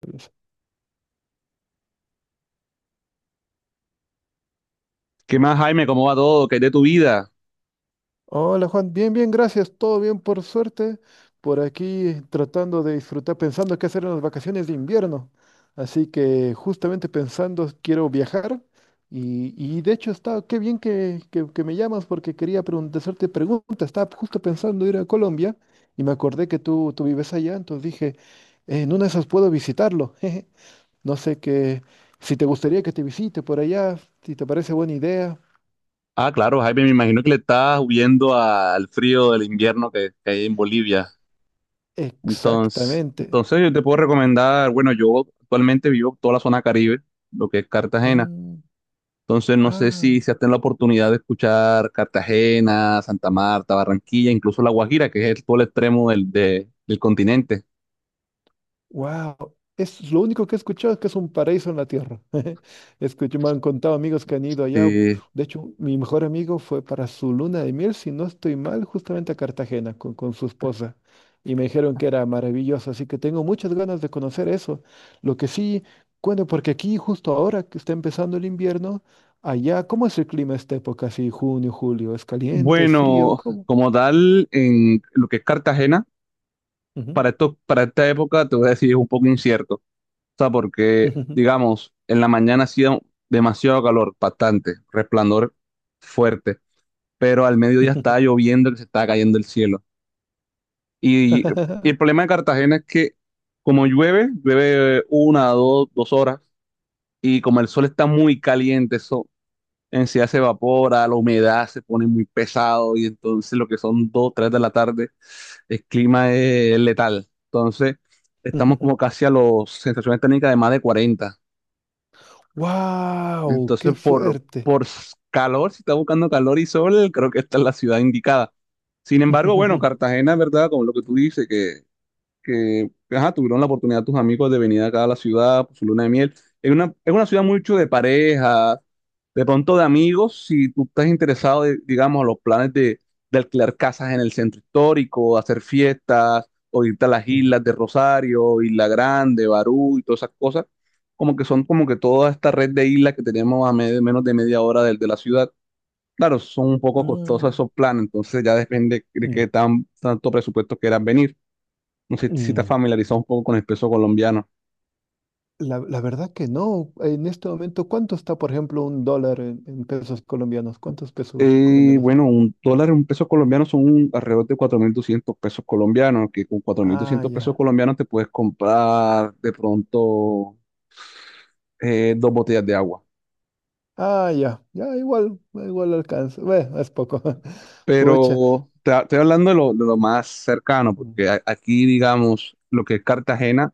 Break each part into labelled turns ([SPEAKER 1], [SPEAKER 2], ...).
[SPEAKER 1] Pues,
[SPEAKER 2] ¿Qué más, Jaime? ¿Cómo va todo? ¿Qué es de tu vida?
[SPEAKER 1] hola Juan, bien, bien, gracias, todo bien por suerte, por aquí tratando de disfrutar, pensando qué hacer en las vacaciones de invierno. Así que justamente pensando, quiero viajar y de hecho está, qué bien que, que me llamas porque hacerte preguntas, estaba justo pensando ir a Colombia y me acordé que tú vives allá, entonces dije, en una de esas puedo visitarlo. No sé qué, si te gustaría que te visite por allá, si te parece buena idea.
[SPEAKER 2] Ah, claro, Jaime, me imagino que le estás huyendo al frío del invierno que hay en Bolivia. Entonces,
[SPEAKER 1] Exactamente.
[SPEAKER 2] entonces yo te puedo recomendar, bueno, yo actualmente vivo toda la zona Caribe, lo que es Cartagena.
[SPEAKER 1] Mm.
[SPEAKER 2] Entonces, no sé si
[SPEAKER 1] Ah,
[SPEAKER 2] se has tenido la oportunidad de escuchar Cartagena, Santa Marta, Barranquilla, incluso La Guajira, que es todo el extremo del continente.
[SPEAKER 1] wow. Es lo único que he escuchado es que es un paraíso en la tierra. Escucho, me han contado amigos que han ido allá.
[SPEAKER 2] Sí.
[SPEAKER 1] De hecho, mi mejor amigo fue para su luna de miel, si no estoy mal, justamente a Cartagena con su esposa. Y me dijeron que era maravilloso, así que tengo muchas ganas de conocer eso. Lo que sí, cuento, porque aquí justo ahora que está empezando el invierno, allá, ¿cómo es el clima esta época? Así, junio, julio, ¿es caliente, es frío?
[SPEAKER 2] Bueno,
[SPEAKER 1] ¿Cómo?
[SPEAKER 2] como tal, en lo que es Cartagena,
[SPEAKER 1] Ujú.
[SPEAKER 2] para esta época, te voy a decir, es un poco incierto sea, porque, digamos, en la mañana hacía demasiado calor, bastante, resplandor fuerte, pero al mediodía estaba lloviendo, que se estaba cayendo el cielo. Y el problema de Cartagena es que como llueve, llueve una, dos horas, y como el sol está muy caliente, eso en sí se evapora, la humedad se pone muy pesado, y entonces lo que son dos, tres de la tarde, el clima es letal. Entonces, estamos como casi a las sensaciones térmicas de más de 40.
[SPEAKER 1] ¡Wow!
[SPEAKER 2] Entonces,
[SPEAKER 1] ¡Qué
[SPEAKER 2] por,
[SPEAKER 1] fuerte!
[SPEAKER 2] por s- calor, si está buscando calor y sol, creo que esta es la ciudad indicada. Sin embargo, bueno, Cartagena, ¿verdad? Como lo que tú dices, que ajá, tuvieron la oportunidad tus amigos de venir acá a la ciudad por su luna de miel. Es una ciudad mucho de parejas, de pronto de amigos, si tú estás interesado, de, digamos, a los planes de alquilar casas en el centro histórico, hacer fiestas, o irte a las
[SPEAKER 1] Ujú.
[SPEAKER 2] islas de Rosario, Isla Grande, Barú y todas esas cosas, como que son como que toda esta red de islas que tenemos a menos de media hora de la ciudad. Claro, son un poco costosos
[SPEAKER 1] Ah,
[SPEAKER 2] esos planes, entonces ya depende de
[SPEAKER 1] mm,
[SPEAKER 2] qué tanto presupuesto quieran venir. No sé si te has
[SPEAKER 1] mm.
[SPEAKER 2] familiarizado un poco con el peso colombiano.
[SPEAKER 1] La verdad que no. En este momento, ¿cuánto está, por ejemplo, un dólar en pesos colombianos? ¿Cuántos pesos colombianos son?
[SPEAKER 2] Bueno, un dólar, un peso colombiano son alrededor de 4.200 pesos colombianos, que con cuatro mil
[SPEAKER 1] Ah,
[SPEAKER 2] doscientos pesos
[SPEAKER 1] ya.
[SPEAKER 2] colombianos te puedes comprar de pronto dos botellas de agua.
[SPEAKER 1] Ah, ya. Ya, igual, igual alcanza. Bueno, es poco. Pucha.
[SPEAKER 2] Pero estoy hablando de lo más cercano,
[SPEAKER 1] Mm,
[SPEAKER 2] porque aquí,
[SPEAKER 1] mm,
[SPEAKER 2] digamos, lo que es Cartagena,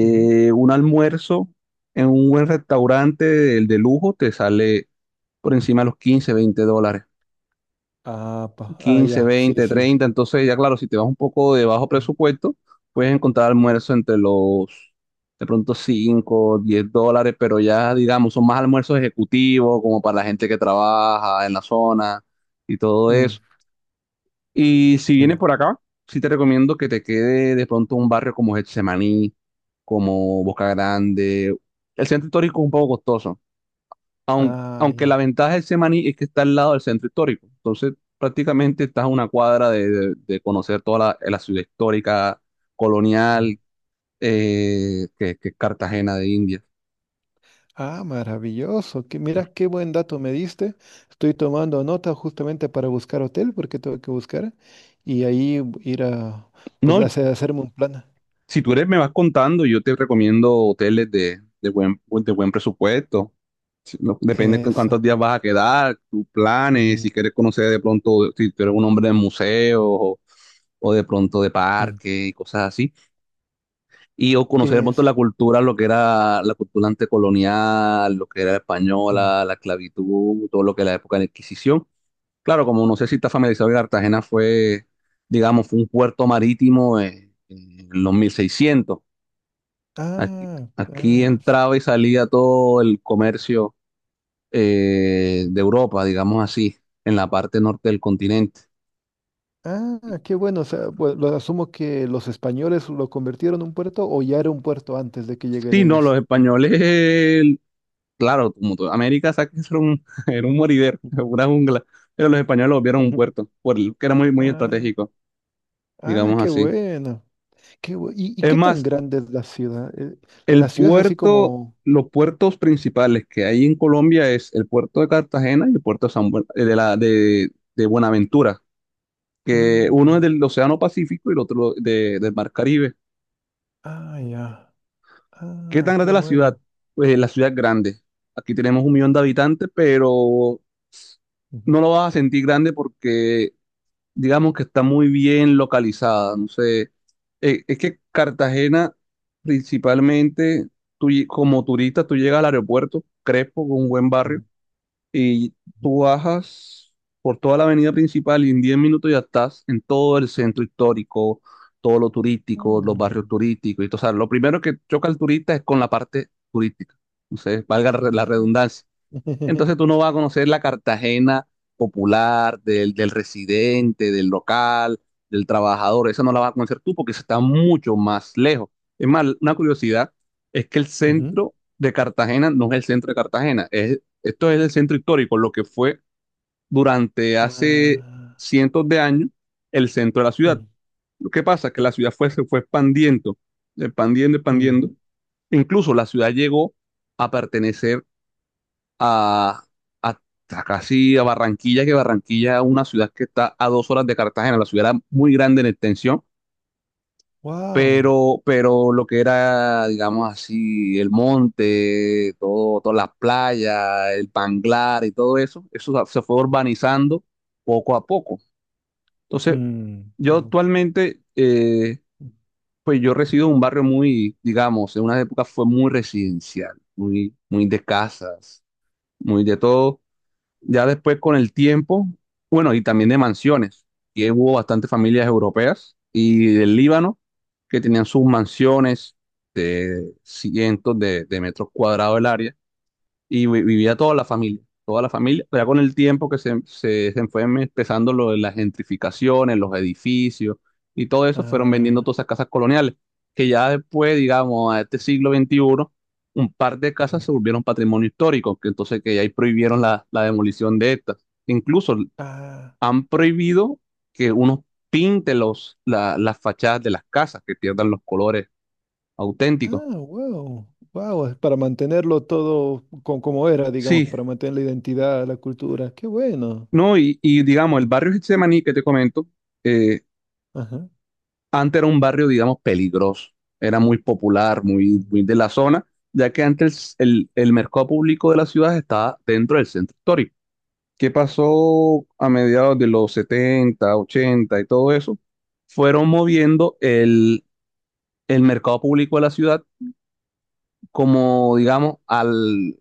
[SPEAKER 1] ujú.
[SPEAKER 2] un almuerzo en un buen restaurante de lujo te sale por encima de los 15 20 dólares.
[SPEAKER 1] Ah, pa. Ah,
[SPEAKER 2] Quince,
[SPEAKER 1] ya. Sí,
[SPEAKER 2] 20,
[SPEAKER 1] sí.
[SPEAKER 2] 30. Entonces, ya claro, si te vas un poco de bajo
[SPEAKER 1] Mm,
[SPEAKER 2] presupuesto, puedes encontrar
[SPEAKER 1] ujú.
[SPEAKER 2] almuerzo entre los de pronto 5, 10 dólares, pero ya digamos, son más almuerzos ejecutivos, como para la gente que trabaja en la zona y todo
[SPEAKER 1] Mm,
[SPEAKER 2] eso. Y si vienes
[SPEAKER 1] en-
[SPEAKER 2] por acá, sí te recomiendo que te quede de pronto un barrio como Getsemaní, como Boca Grande. El centro histórico es un poco costoso,
[SPEAKER 1] Ah,
[SPEAKER 2] aunque la
[SPEAKER 1] ya.
[SPEAKER 2] ventaja de Semaní es que está al lado del centro histórico. Entonces, prácticamente estás a una cuadra de conocer toda la ciudad histórica, colonial, que es Cartagena de Indias.
[SPEAKER 1] Ah, maravilloso. Que, mira qué buen dato me diste. Estoy tomando nota justamente para buscar hotel, porque tengo que buscar. Y ahí ir a
[SPEAKER 2] No,
[SPEAKER 1] hacer, hacerme un plan.
[SPEAKER 2] si tú eres, me vas contando, yo te recomiendo hoteles de buen presupuesto. Si- no, Depende con
[SPEAKER 1] Eso.
[SPEAKER 2] cuántos días vas a quedar, tus planes, si
[SPEAKER 1] Ujú,
[SPEAKER 2] quieres conocer de pronto, si tú eres un hombre de museos o de pronto de
[SPEAKER 1] ujú.
[SPEAKER 2] parque y cosas así. Y o conocer un montón
[SPEAKER 1] Es.
[SPEAKER 2] la cultura, lo que era la cultura antecolonial, lo que era la
[SPEAKER 1] Ujú.
[SPEAKER 2] española, la esclavitud, todo lo que era la época de la Inquisición. Claro, como no sé si está familiarizado, Cartagena fue, digamos, fue un puerto marítimo en los mil seiscientos. Aquí,
[SPEAKER 1] Ah,
[SPEAKER 2] aquí
[SPEAKER 1] ah, s-
[SPEAKER 2] entraba y salía todo el comercio de Europa, digamos así, en la parte norte del continente.
[SPEAKER 1] ah, qué bueno. O sea, lo asumo que los españoles lo convirtieron en un puerto o ya era un puerto antes de que lleguen
[SPEAKER 2] Sí, no,
[SPEAKER 1] ellos.
[SPEAKER 2] los españoles claro, como toda América, ¿sabes que eso era un, era un moridero, una jungla? Pero los españoles lo vieron un puerto, que era muy, muy
[SPEAKER 1] Ah,
[SPEAKER 2] estratégico,
[SPEAKER 1] ah,
[SPEAKER 2] digamos
[SPEAKER 1] qué
[SPEAKER 2] así.
[SPEAKER 1] bueno. Y
[SPEAKER 2] Es
[SPEAKER 1] qué tan
[SPEAKER 2] más,
[SPEAKER 1] grande es la ciudad? La
[SPEAKER 2] el
[SPEAKER 1] ciudad es así
[SPEAKER 2] puerto,
[SPEAKER 1] como.
[SPEAKER 2] los puertos principales que hay en Colombia es el puerto de Cartagena y el puerto de, San Buen- de, la, de Buenaventura, que uno es
[SPEAKER 1] Mm,
[SPEAKER 2] del Océano Pacífico y el otro del Mar Caribe.
[SPEAKER 1] ah, ya.
[SPEAKER 2] ¿Qué
[SPEAKER 1] Ah,
[SPEAKER 2] tan grande
[SPEAKER 1] qué
[SPEAKER 2] es la ciudad?
[SPEAKER 1] bueno.
[SPEAKER 2] Pues la ciudad es grande. Aquí tenemos un millón de habitantes, pero
[SPEAKER 1] Ujú,
[SPEAKER 2] no lo vas a sentir grande porque digamos que está muy bien localizada. No sé, es que Cartagena, principalmente, como turista, tú llegas al aeropuerto, Crespo, con un buen barrio,
[SPEAKER 1] ujú,
[SPEAKER 2] y
[SPEAKER 1] ujú.
[SPEAKER 2] tú bajas por toda la avenida principal y en 10 minutos ya estás en todo el centro histórico, todo lo turístico, los barrios
[SPEAKER 1] Mm.
[SPEAKER 2] turísticos. Y, todo. O sea, lo primero que choca al turista es con la parte turística. No sé, valga la redundancia. Entonces tú no vas a conocer la Cartagena popular, del residente, del local, del trabajador. Esa no la vas a conocer tú porque esa está mucho más lejos. Es más, una curiosidad es que el
[SPEAKER 1] Ujú.
[SPEAKER 2] centro de Cartagena no es el centro de Cartagena. Esto es el centro histórico, lo que fue durante hace
[SPEAKER 1] Ah,
[SPEAKER 2] cientos de años el centro de la ciudad.
[SPEAKER 1] mm,
[SPEAKER 2] Lo que pasa es que la ciudad se fue expandiendo, expandiendo,
[SPEAKER 1] mm.
[SPEAKER 2] expandiendo. Incluso la ciudad llegó a pertenecer a, a- a casi a Barranquilla, que Barranquilla es una ciudad que está a dos horas de Cartagena, la ciudad era muy grande en extensión,
[SPEAKER 1] Wow.
[SPEAKER 2] pero lo que era, digamos así, el monte, todas las playas, el Panglar y todo eso, eso se fue urbanizando poco a poco. Entonces,
[SPEAKER 1] Mm,
[SPEAKER 2] yo
[SPEAKER 1] tengo,
[SPEAKER 2] actualmente,
[SPEAKER 1] mm.
[SPEAKER 2] pues yo resido en un barrio muy, digamos, en una época fue muy residencial, muy, muy de casas, muy de todo. Ya después con el tiempo, bueno, y también de mansiones, y hubo bastantes familias europeas y del Líbano que tenían sus mansiones de cientos de metros cuadrados el área y vivía toda la familia, pero ya con el tiempo que se fue empezando lo de las gentrificaciones, los edificios y todo eso, fueron vendiendo
[SPEAKER 1] Ah,
[SPEAKER 2] todas esas casas coloniales, que ya después, digamos, a este siglo veintiuno un par de casas
[SPEAKER 1] ujú.
[SPEAKER 2] se volvieron patrimonio histórico, que entonces que ya ahí prohibieron la demolición de estas. Incluso
[SPEAKER 1] Ah,
[SPEAKER 2] han prohibido que uno pinte las fachadas de las casas, que pierdan los colores auténticos.
[SPEAKER 1] ah, wow. Wow, es para mantenerlo todo como era, digamos,
[SPEAKER 2] Sí,
[SPEAKER 1] para mantener la identidad, la cultura. Qué bueno.
[SPEAKER 2] no, y digamos, el barrio Getsemaní que te comento, eh,
[SPEAKER 1] Ajá.
[SPEAKER 2] antes era un barrio, digamos, peligroso. Era muy popular, muy,
[SPEAKER 1] Mm,
[SPEAKER 2] muy de la zona, ya que antes el mercado público de la ciudad estaba dentro del centro histórico. ¿Qué pasó a mediados de los 70, 80 y todo eso? Fueron moviendo el mercado público de la ciudad como, digamos,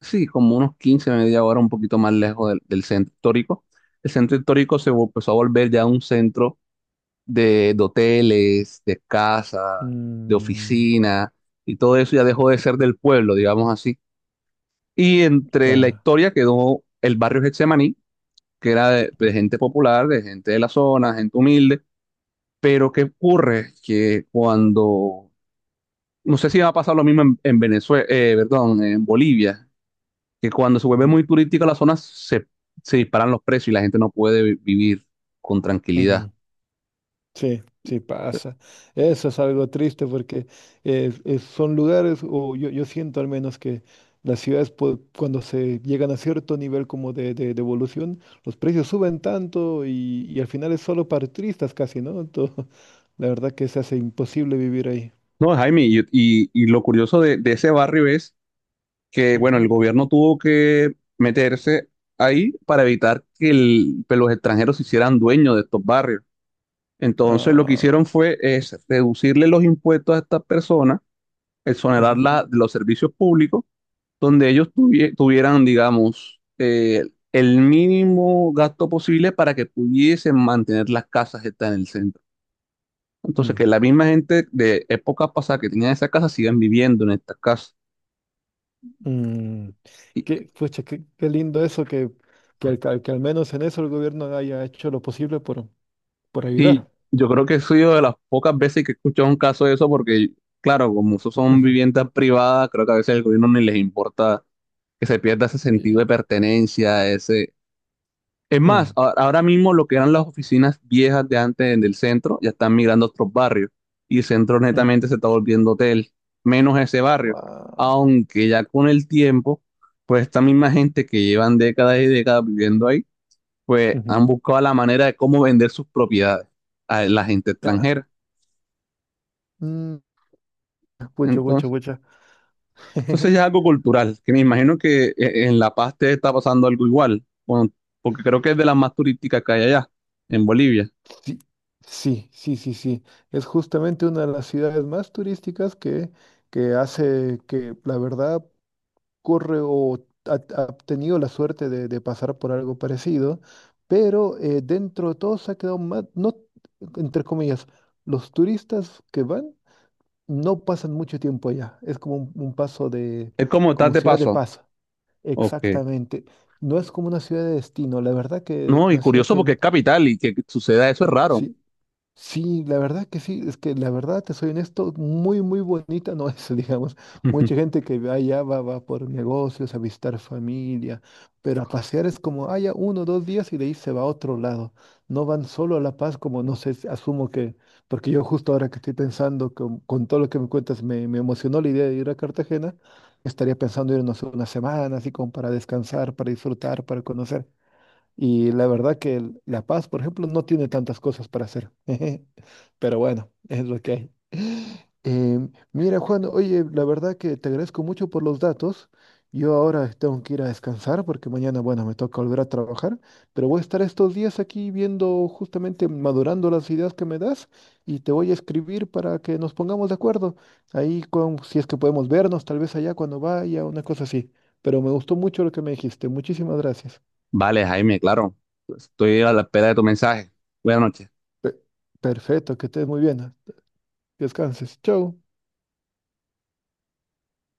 [SPEAKER 2] sí, como unos 15, media hora, un poquito más lejos del centro histórico. El centro histórico empezó a volver ya un centro de hoteles, de casa, de
[SPEAKER 1] mm,
[SPEAKER 2] oficina, y todo eso ya dejó de ser del pueblo, digamos así. Y entre la
[SPEAKER 1] claro.
[SPEAKER 2] historia quedó el barrio Getsemaní, que era de gente popular, de gente de la zona, gente humilde. Pero ¿qué ocurre? Que cuando, no sé si va a pasar lo mismo en Venezuela, perdón, en Bolivia, que cuando se vuelve
[SPEAKER 1] Ujú,
[SPEAKER 2] muy turística la zona, se disparan los precios y la gente no puede vivir con tranquilidad.
[SPEAKER 1] ujú. Sí, sí pasa. Eso es algo triste porque son lugares, o yo siento al menos que las ciudades cuando se llegan a cierto nivel como de evolución, los precios suben tanto y al final es solo para turistas casi, ¿no? Entonces, la verdad que se hace imposible vivir ahí.
[SPEAKER 2] No, Jaime, y lo curioso de ese barrio es que, bueno,
[SPEAKER 1] Ujú.
[SPEAKER 2] el gobierno tuvo que meterse ahí para evitar que los extranjeros se hicieran dueños de estos barrios. Entonces, lo que hicieron
[SPEAKER 1] Ah,
[SPEAKER 2] fue es reducirle los impuestos a estas personas,
[SPEAKER 1] ujú.
[SPEAKER 2] exonerarlas de los servicios públicos donde ellos tuvieran, digamos, el mínimo gasto posible para que pudiesen mantener las casas que están en el centro. Entonces,
[SPEAKER 1] Mm,
[SPEAKER 2] que la misma gente de épocas pasadas que tenían esa casa sigan viviendo en estas casas.
[SPEAKER 1] mm.
[SPEAKER 2] Y,
[SPEAKER 1] Qué, pucha, qué, qué lindo eso que al menos en eso el gobierno haya hecho lo posible por
[SPEAKER 2] y
[SPEAKER 1] ayudar.
[SPEAKER 2] yo creo que he sido de las pocas veces que he escuchado un caso de eso, porque, claro, como eso son viviendas privadas, creo que a veces al gobierno ni les importa que se pierda ese sentido de
[SPEAKER 1] Ujú.
[SPEAKER 2] pertenencia, ese. Es más,
[SPEAKER 1] Mm,
[SPEAKER 2] ahora mismo lo que eran las oficinas viejas de antes en el centro ya están migrando a otros barrios y el centro netamente se
[SPEAKER 1] mm.
[SPEAKER 2] está volviendo hotel, menos ese barrio.
[SPEAKER 1] Wow.
[SPEAKER 2] Aunque ya con el tiempo, pues esta misma gente que llevan décadas y décadas viviendo ahí, pues
[SPEAKER 1] Ujú.
[SPEAKER 2] han buscado la manera de cómo vender sus propiedades a la gente
[SPEAKER 1] Ya.
[SPEAKER 2] extranjera.
[SPEAKER 1] Mm, pucha, pucha,
[SPEAKER 2] Entonces,
[SPEAKER 1] pucha.
[SPEAKER 2] entonces ya es algo cultural, que me imagino que en La Paz te está pasando algo igual, bueno, porque creo que es de las más turísticas que hay allá, en Bolivia.
[SPEAKER 1] Sí, sí, sí, sí, sí. Es justamente una de las ciudades más turísticas que hace que la verdad corre o ha, ha tenido la suerte de pasar por algo parecido, pero dentro de todo se ha quedado más, no, entre comillas, los turistas que van no pasan mucho tiempo allá. Es como un paso de,
[SPEAKER 2] Es como estás
[SPEAKER 1] como
[SPEAKER 2] de
[SPEAKER 1] ciudad de
[SPEAKER 2] paso.
[SPEAKER 1] paso.
[SPEAKER 2] Ok.
[SPEAKER 1] Exactamente. No es como una ciudad de destino. La verdad que
[SPEAKER 2] No, y
[SPEAKER 1] una ciudad
[SPEAKER 2] curioso porque
[SPEAKER 1] que
[SPEAKER 2] es capital y que suceda eso es raro.
[SPEAKER 1] sí. Sí, la verdad que sí, es que la verdad, te soy honesto, muy, muy bonita no es, digamos. Mucha gente que va allá va, va por negocios, a visitar familia, pero a pasear es como, haya uno o dos días y de ahí se va a otro lado. No van solo a La Paz, como no sé, asumo que, porque yo justo ahora que estoy pensando, con todo lo que me cuentas, me emocionó la idea de ir a Cartagena, estaría pensando irnos una semana, así como para descansar, para disfrutar, para conocer. Y la verdad que La Paz, por ejemplo, no tiene tantas cosas para hacer. Pero bueno, es lo que hay. Em, mira, Juan, oye, la verdad que te agradezco mucho por los datos. Yo ahora tengo que ir a descansar porque mañana, bueno, me toca volver a trabajar, pero voy a estar estos días aquí viendo justamente, madurando las ideas que me das y te voy a escribir para que nos pongamos de acuerdo. Ahí con, si es que podemos vernos, tal vez allá cuando vaya, una cosa así. Pero me gustó mucho lo que me dijiste. Muchísimas gracias.
[SPEAKER 2] Vale, Jaime, claro. Estoy a la espera de tu mensaje. Buenas noches.
[SPEAKER 1] Pe- Perfecto, que estés muy bien. ¿No? Descanses. Chau.